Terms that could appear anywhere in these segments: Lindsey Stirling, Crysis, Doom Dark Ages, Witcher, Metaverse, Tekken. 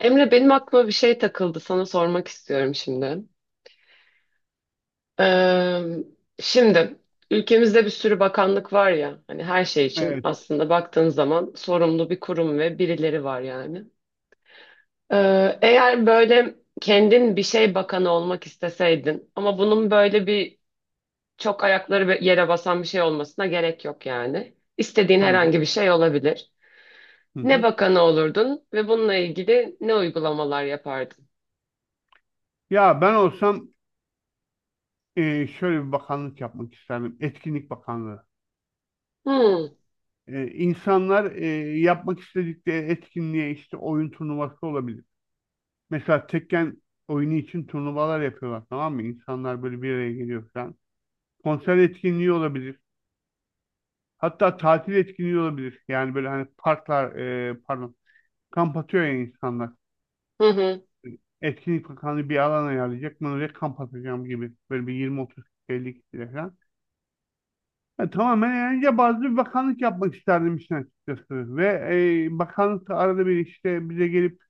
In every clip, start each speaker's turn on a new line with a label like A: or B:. A: Emre benim aklıma bir şey takıldı. Sana sormak istiyorum şimdi. Ee, Şimdi ülkemizde bir sürü bakanlık var ya. Hani her şey için
B: Evet,
A: aslında baktığın zaman sorumlu bir kurum ve birileri var yani. Eğer böyle kendin bir şey bakanı olmak isteseydin ama bunun böyle bir çok ayakları be- yere basan bir şey olmasına gerek yok yani. İstediğin
B: tamam.
A: herhangi bir şey olabilir.
B: Hı
A: Ne
B: hı.
A: bakanı olurdun ve bununla ilgili ne uygulamalar yapardın?
B: Ya ben olsam şöyle bir bakanlık yapmak isterdim. Etkinlik Bakanlığı.
A: Hmm.
B: İnsanlar yapmak istedikleri etkinliğe işte oyun turnuvası olabilir. Mesela Tekken oyunu için turnuvalar yapıyorlar, tamam mı? İnsanlar böyle bir araya geliyor falan. Konser etkinliği olabilir. Hatta tatil etkinliği olabilir. Yani böyle hani parklar pardon, kamp atıyor ya insanlar.
A: Hı hı.
B: Etkinlik Bakanlığı bir alan ayarlayacak. Ben oraya kamp atacağım gibi. Böyle bir 20-30, 50 kişiyle falan. Tamamen eğlence bazlı bir bakanlık yapmak isterdim işin açıkçası. Ve bakanlık da arada bir işte bize gelip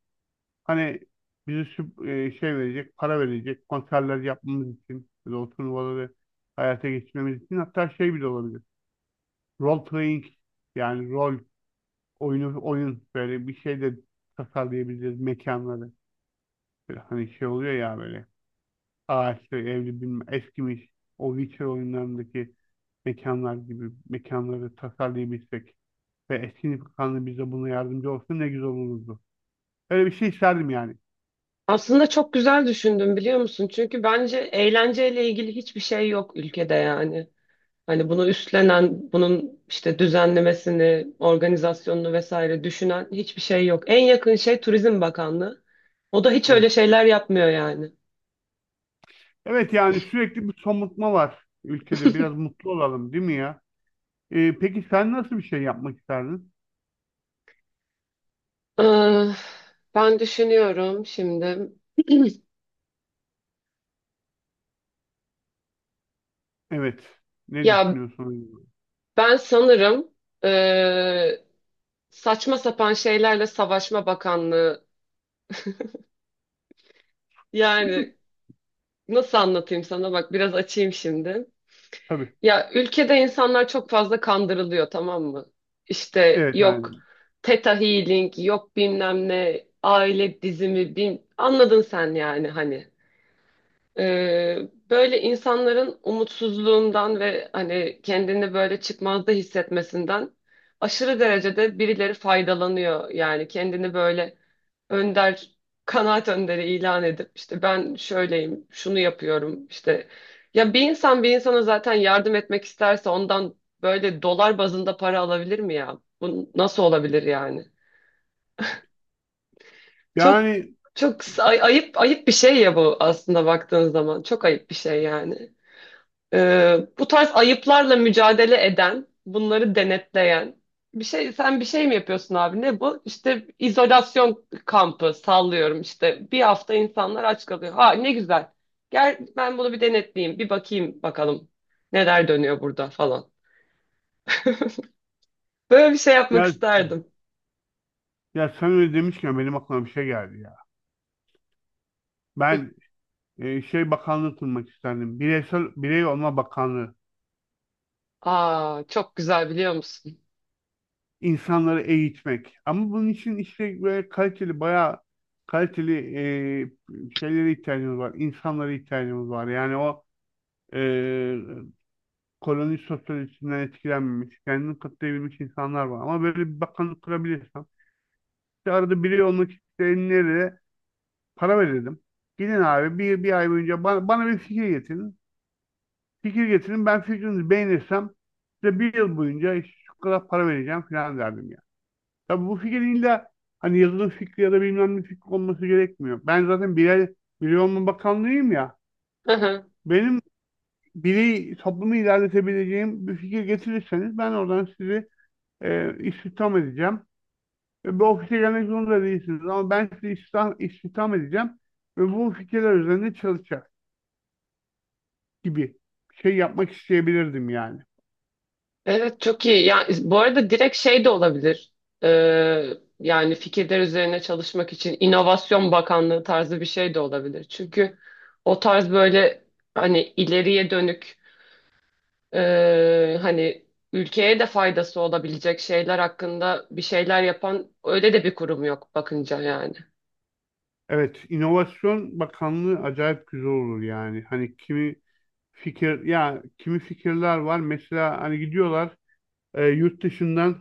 B: hani bize şey verecek, para verecek, konserler yapmamız için, böyle o turnuvaları hayata geçirmemiz için, hatta şey bile olabilir. Role playing, yani rol oyunu oyun, böyle bir şey de tasarlayabiliriz mekanları. Böyle hani şey oluyor ya, böyle ağaçlı, evli, bilmem, eskimiş, o Witcher oyunlarındaki mekanlar gibi mekanları tasarlayabilsek ve eski nişanlı bize buna yardımcı olsa ne güzel olurdu. Öyle bir şey isterdim yani.
A: Aslında çok güzel düşündüm biliyor musun? Çünkü bence eğlenceyle ilgili hiçbir şey yok ülkede yani. Hani bunu üstlenen, bunun işte düzenlemesini, organizasyonunu vesaire düşünen hiçbir şey yok. En yakın şey Turizm Bakanlığı. O da hiç öyle
B: Evet.
A: şeyler yapmıyor yani.
B: Evet, yani sürekli bir somutma var ülkede. Biraz mutlu olalım, değil mi ya? Peki sen nasıl bir şey yapmak isterdin?
A: Ah, ben düşünüyorum şimdi.
B: Evet. Ne
A: Ya
B: düşünüyorsun?
A: ben sanırım eee, saçma sapan şeylerle Savaşma Bakanlığı. Yani nasıl anlatayım sana? Bak biraz açayım şimdi.
B: Tabii.
A: Ya ülkede insanlar çok fazla kandırılıyor, tamam mı? İşte
B: Evet
A: yok
B: yani.
A: Theta Healing, yok bilmem ne, aile dizimi, bin... anladın sen yani hani. Ee, Böyle insanların umutsuzluğundan ve hani kendini böyle çıkmazda hissetmesinden aşırı derecede birileri faydalanıyor. Yani kendini böyle önder, kanaat önderi ilan edip işte ben şöyleyim, şunu yapıyorum işte. Ya bir insan bir insana zaten yardım etmek isterse ondan böyle dolar bazında para alabilir mi ya? Bu nasıl olabilir yani? Çok
B: Yani
A: çok ayıp bir şey ya bu aslında baktığın zaman. Çok ayıp bir şey yani. Bu tarz ayıplarla mücadele eden, bunları denetleyen bir şey sen bir şey mi yapıyorsun abi, ne bu? İşte izolasyon kampı sallıyorum, işte bir hafta insanlar aç kalıyor. Ha ne güzel. Gel ben bunu bir denetleyeyim, bir bakayım bakalım neler dönüyor burada falan. Böyle bir şey yapmak
B: ya,
A: isterdim.
B: ya sen öyle demişken benim aklıma bir şey geldi ya. Ben şey bakanlığı kurmak isterdim. Bireysel birey olma bakanlığı.
A: Aa çok güzel biliyor musun?
B: İnsanları eğitmek. Ama bunun için işte böyle kaliteli, bayağı kaliteli şeylere ihtiyacımız var. İnsanlara ihtiyacımız var. Yani o e, koloni sosyolojisinden etkilenmemiş, kendini katlayabilmiş insanlar var. Ama böyle bir bakanlık kurabilirsem, işte arada biri olmak isteyenlere para verelim. Gidin abi bir ay boyunca bana bir fikir getirin. Fikir getirin, ben fikrinizi beğenirsem size bir yıl boyunca işte şu kadar para vereceğim falan derdim. Tabii bu fikrin illa hani yazılım fikri ya da bilmem ne fikri olması gerekmiyor. Ben zaten birey olma bakanlığıyım ya. Benim birey toplumu ilerletebileceğim bir fikir getirirseniz ben oradan sizi istihdam edeceğim. Ve bu ofise gelmek zorunda değilsiniz, ama ben sizi istihdam edeceğim ve bu fikirler üzerinde çalışacak gibi bir şey yapmak isteyebilirdim yani.
A: Evet çok iyi. Yani bu arada direkt şey de olabilir. Ee, Yani fikirler üzerine çalışmak için İnovasyon Bakanlığı tarzı bir şey de olabilir. Çünkü o tarz böyle hani ileriye dönük e, hani ülkeye de faydası olabilecek şeyler hakkında bir şeyler yapan öyle de bir kurum yok bakınca yani.
B: Evet, İnovasyon Bakanlığı acayip güzel olur yani. Hani kimi fikir ya, kimi fikirler var mesela, hani gidiyorlar yurt dışından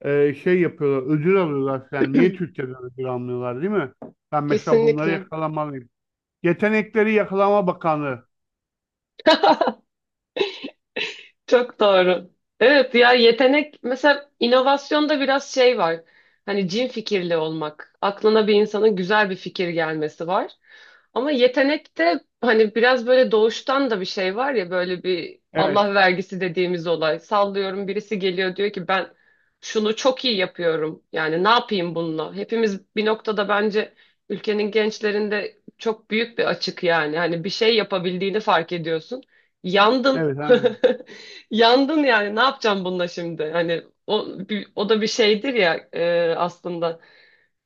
B: şey yapıyorlar, ödül alıyorlar falan. Niye Türkiye'den ödül almıyorlar, değil mi? Ben mesela bunları
A: Kesinlikle.
B: yakalamalıyım. Yetenekleri Yakalama Bakanlığı.
A: Çok doğru. Evet ya yetenek mesela inovasyonda biraz şey var. Hani cin fikirli olmak. Aklına bir insanın güzel bir fikir gelmesi var. Ama yetenekte hani biraz böyle doğuştan da bir şey var ya, böyle bir
B: Evet,
A: Allah vergisi dediğimiz olay. Sallıyorum birisi geliyor diyor ki ben şunu çok iyi yapıyorum. Yani ne yapayım bununla? Hepimiz bir noktada bence ülkenin gençlerinde çok büyük bir açık yani. Hani bir şey yapabildiğini fark ediyorsun. Yandın.
B: evet. Aynen.
A: Yandın yani ne yapacağım bununla şimdi? Hani o, o da bir şeydir ya e, aslında.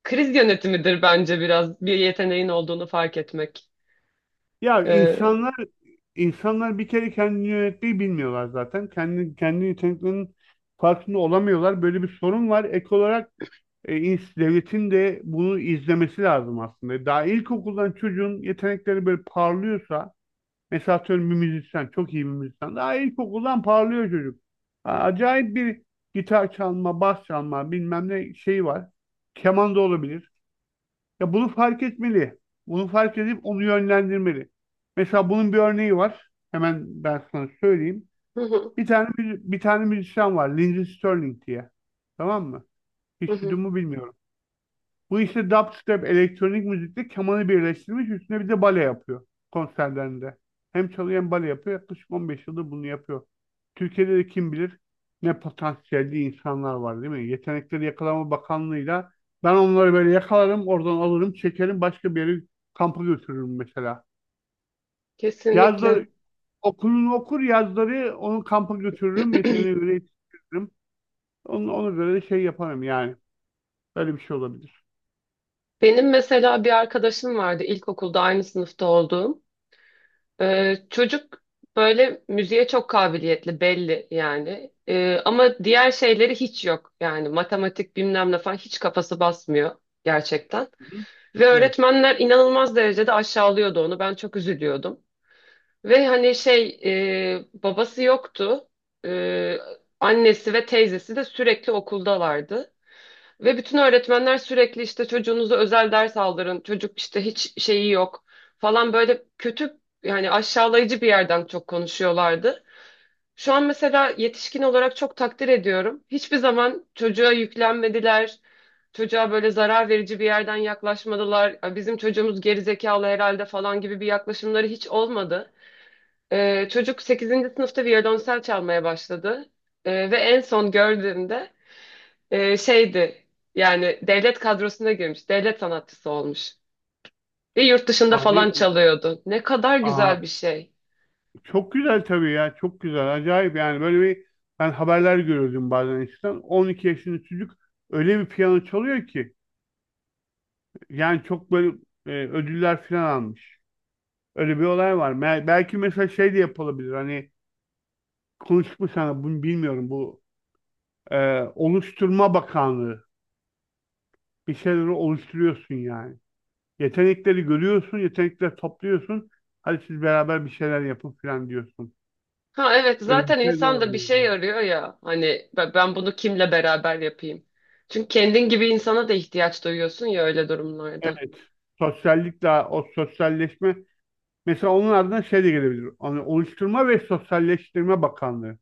A: Kriz yönetimidir bence biraz bir yeteneğin olduğunu fark etmek.
B: Ya
A: Ee,
B: insanlar bir kere kendini yönetmeyi bilmiyorlar zaten. Kendi kendi yeteneklerinin farkında olamıyorlar. Böyle bir sorun var. Ek olarak devletin de bunu izlemesi lazım aslında. Daha ilkokuldan çocuğun yetenekleri böyle parlıyorsa. Mesela atıyorum, bir müzisyen, çok iyi bir müzisyen. Daha ilkokuldan parlıyor çocuk. Ha, acayip bir gitar çalma, bas çalma, bilmem ne şeyi var. Keman da olabilir. Ya, bunu fark etmeli. Bunu fark edip onu yönlendirmeli. Mesela bunun bir örneği var. Hemen ben sana söyleyeyim.
A: Hı hı,
B: Bir tane müzisyen var, Lindsey Stirling diye. Tamam mı?
A: hı
B: Hiç duydun
A: hı.
B: mu bilmiyorum. Bu işte dubstep, elektronik müzikle kemanı birleştirmiş. Üstüne bir de bale yapıyor konserlerinde. Hem çalıyor hem bale yapıyor. Yaklaşık 15 yıldır bunu yapıyor. Türkiye'de de kim bilir ne potansiyelli insanlar var, değil mi? Yetenekleri Yakalama Bakanlığı'yla ben onları böyle yakalarım, oradan alırım, çekerim, başka bir yere kampa götürürüm mesela. Yazları
A: Kesinlikle.
B: okulunu okur, yazları onu kampa götürürüm, yeteneği öyle yetiştiririm. Onu, ona göre de şey yaparım yani. Böyle bir şey olabilir.
A: Benim mesela bir arkadaşım vardı ilkokulda aynı sınıfta olduğum. Çocuk böyle müziğe çok kabiliyetli belli yani. Ama diğer şeyleri hiç yok. Yani matematik bilmem ne falan hiç kafası basmıyor gerçekten.
B: Hı hı.
A: Ve
B: Evet.
A: öğretmenler inanılmaz derecede aşağılıyordu onu. Ben çok üzülüyordum. Ve hani şey, e, babası yoktu. Ee, Annesi ve teyzesi de sürekli okuldalardı. Ve bütün öğretmenler sürekli işte çocuğunuza özel ders aldırın. Çocuk işte hiç şeyi yok falan, böyle kötü yani aşağılayıcı bir yerden çok konuşuyorlardı. Şu an mesela yetişkin olarak çok takdir ediyorum. Hiçbir zaman çocuğa yüklenmediler. Çocuğa böyle zarar verici bir yerden yaklaşmadılar. "Ay, bizim çocuğumuz gerizekalı herhalde" falan gibi bir yaklaşımları hiç olmadı. Çocuk sekizinci sınıfta violonsel çalmaya başladı. Ve en son gördüğümde e, şeydi, yani devlet kadrosuna girmiş. Devlet sanatçısı olmuş. Ve yurt dışında
B: Hani,
A: falan çalıyordu. Ne kadar
B: aa,
A: güzel bir şey.
B: çok güzel tabii ya. Çok güzel. Acayip yani. Böyle bir, ben haberler görüyordum bazen eskiden. 12 yaşında çocuk öyle bir piyano çalıyor ki. Yani çok böyle ödüller falan almış. Öyle bir olay var. Me- belki mesela şey de yapılabilir. Hani konuştuk mu sana bunu bilmiyorum. Bu oluşturma bakanlığı. Bir şeyleri oluşturuyorsun yani. Yetenekleri görüyorsun. Yetenekleri topluyorsun. Hadi siz beraber bir şeyler yapın falan diyorsun.
A: Ha evet,
B: Öyle bir
A: zaten
B: şey de
A: insan da bir
B: olabilir.
A: şey arıyor ya. Hani ben bunu kimle beraber yapayım? Çünkü kendin gibi insana da ihtiyaç duyuyorsun ya öyle durumlarda.
B: Evet. Sosyallik, daha o sosyalleşme, mesela onun adına şey de gelebilir. Hani oluşturma ve sosyalleştirme bakanlığı.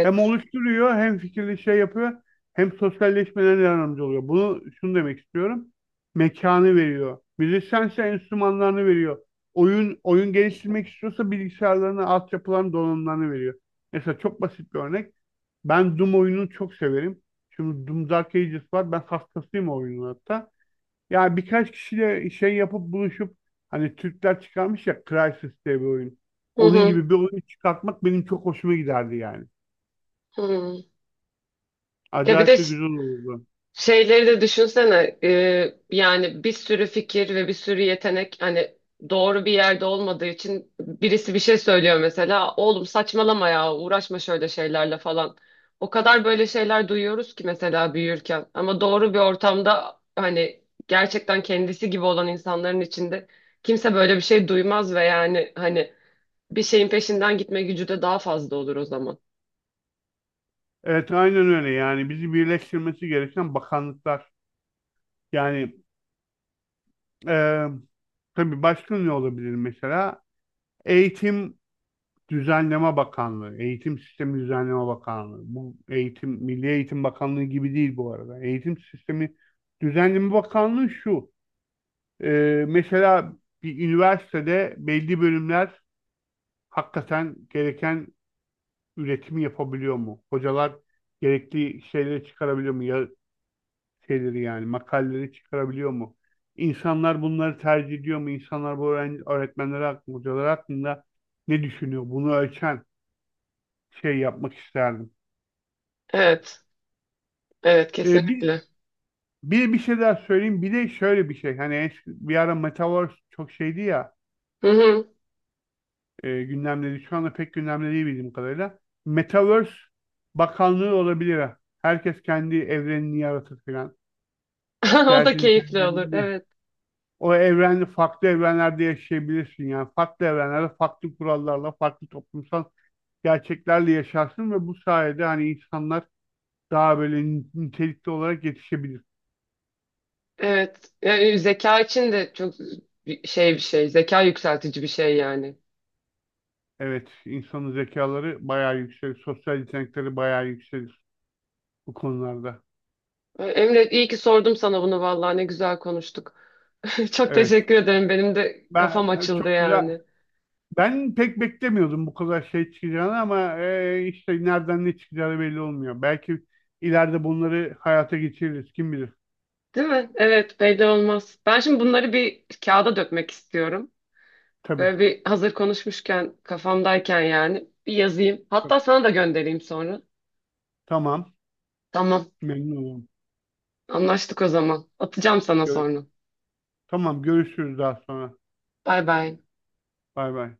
B: Hem oluşturuyor, hem fikirli şey yapıyor, hem sosyalleşmelerine yardımcı oluyor. Bunu, şunu demek istiyorum. Mekanı veriyor. Müzisyense enstrümanlarını veriyor. Oyun geliştirmek istiyorsa bilgisayarlarını, altyapılarını, donanımlarını veriyor. Mesela çok basit bir örnek. Ben Doom oyununu çok severim. Şimdi Doom Dark Ages var. Ben hastasıyım o oyunun hatta. Yani birkaç kişiyle şey yapıp buluşup, hani Türkler çıkarmış ya Crysis diye bir oyun.
A: Hı
B: Onun
A: hı
B: gibi bir oyun çıkartmak benim çok hoşuma giderdi yani.
A: hı. Ya bir
B: Acayip
A: de
B: de güzel olurdu.
A: şeyleri de düşünsene, e, yani bir sürü fikir ve bir sürü yetenek hani doğru bir yerde olmadığı için birisi bir şey söylüyor mesela oğlum saçmalama ya, uğraşma şöyle şeylerle falan. O kadar böyle şeyler duyuyoruz ki mesela büyürken, ama doğru bir ortamda hani gerçekten kendisi gibi olan insanların içinde kimse böyle bir şey duymaz ve yani hani bir şeyin peşinden gitme gücü de daha fazla olur o zaman.
B: Evet, aynen öyle yani, bizi birleştirmesi gereken bakanlıklar. Yani e, tabii başka ne olabilir mesela? Eğitim Düzenleme Bakanlığı, Eğitim Sistemi Düzenleme Bakanlığı. Bu eğitim, Milli Eğitim Bakanlığı gibi değil bu arada. Eğitim Sistemi Düzenleme Bakanlığı şu. Mesela bir üniversitede belli bölümler hakikaten gereken üretimi yapabiliyor mu? Hocalar gerekli şeyleri çıkarabiliyor mu? Ya şeyleri, yani makaleleri çıkarabiliyor mu? İnsanlar bunları tercih ediyor mu? İnsanlar bu öğrenci, öğretmenler hakkında, hocalar hakkında ne düşünüyor? Bunu ölçen şey yapmak isterdim.
A: Evet, evet
B: Ee, bir,
A: kesinlikle.
B: bir şey daha söyleyeyim. Bir de şöyle bir şey. Hani bir ara Metaverse çok şeydi ya.
A: Hı hı.
B: Gündemde. Şu anda pek gündemde değil bildiğim kadarıyla. Metaverse Bakanlığı olabilir, ha. Herkes kendi evrenini yaratır falan. İşte
A: O da
B: herkesin kendi
A: keyifli olur,
B: evrenini,
A: evet.
B: o evren, farklı evrenlerde yaşayabilirsin yani. Farklı evrenlerde, farklı kurallarla, farklı toplumsal gerçeklerle yaşarsın ve bu sayede hani insanlar daha böyle nitelikli olarak yetişebilir.
A: Evet. Yani zeka için de çok bir şey. Zeka yükseltici bir şey yani.
B: Evet, insanın zekaları bayağı yükselir. Sosyal yetenekleri bayağı yükselir bu konularda.
A: E, Emre iyi ki sordum sana bunu vallahi, ne güzel konuştuk. Çok
B: Evet.
A: teşekkür ederim. Benim de
B: Ben
A: kafam açıldı
B: çok güzel
A: yani.
B: Ben pek beklemiyordum bu kadar şey çıkacağını, ama işte nereden ne çıkacağı belli olmuyor. Belki ileride bunları hayata geçiririz. Kim bilir?
A: Değil mi? Evet belli olmaz. Ben şimdi bunları bir kağıda dökmek istiyorum.
B: Tabii.
A: Böyle bir hazır konuşmuşken kafamdayken yani bir yazayım. Hatta sana da göndereyim sonra.
B: Tamam.
A: Tamam.
B: Memnun olurum.
A: Anlaştık o zaman. Atacağım sana
B: Görüş
A: sonra.
B: tamam görüşürüz daha sonra.
A: Bay bay.
B: Bay bay.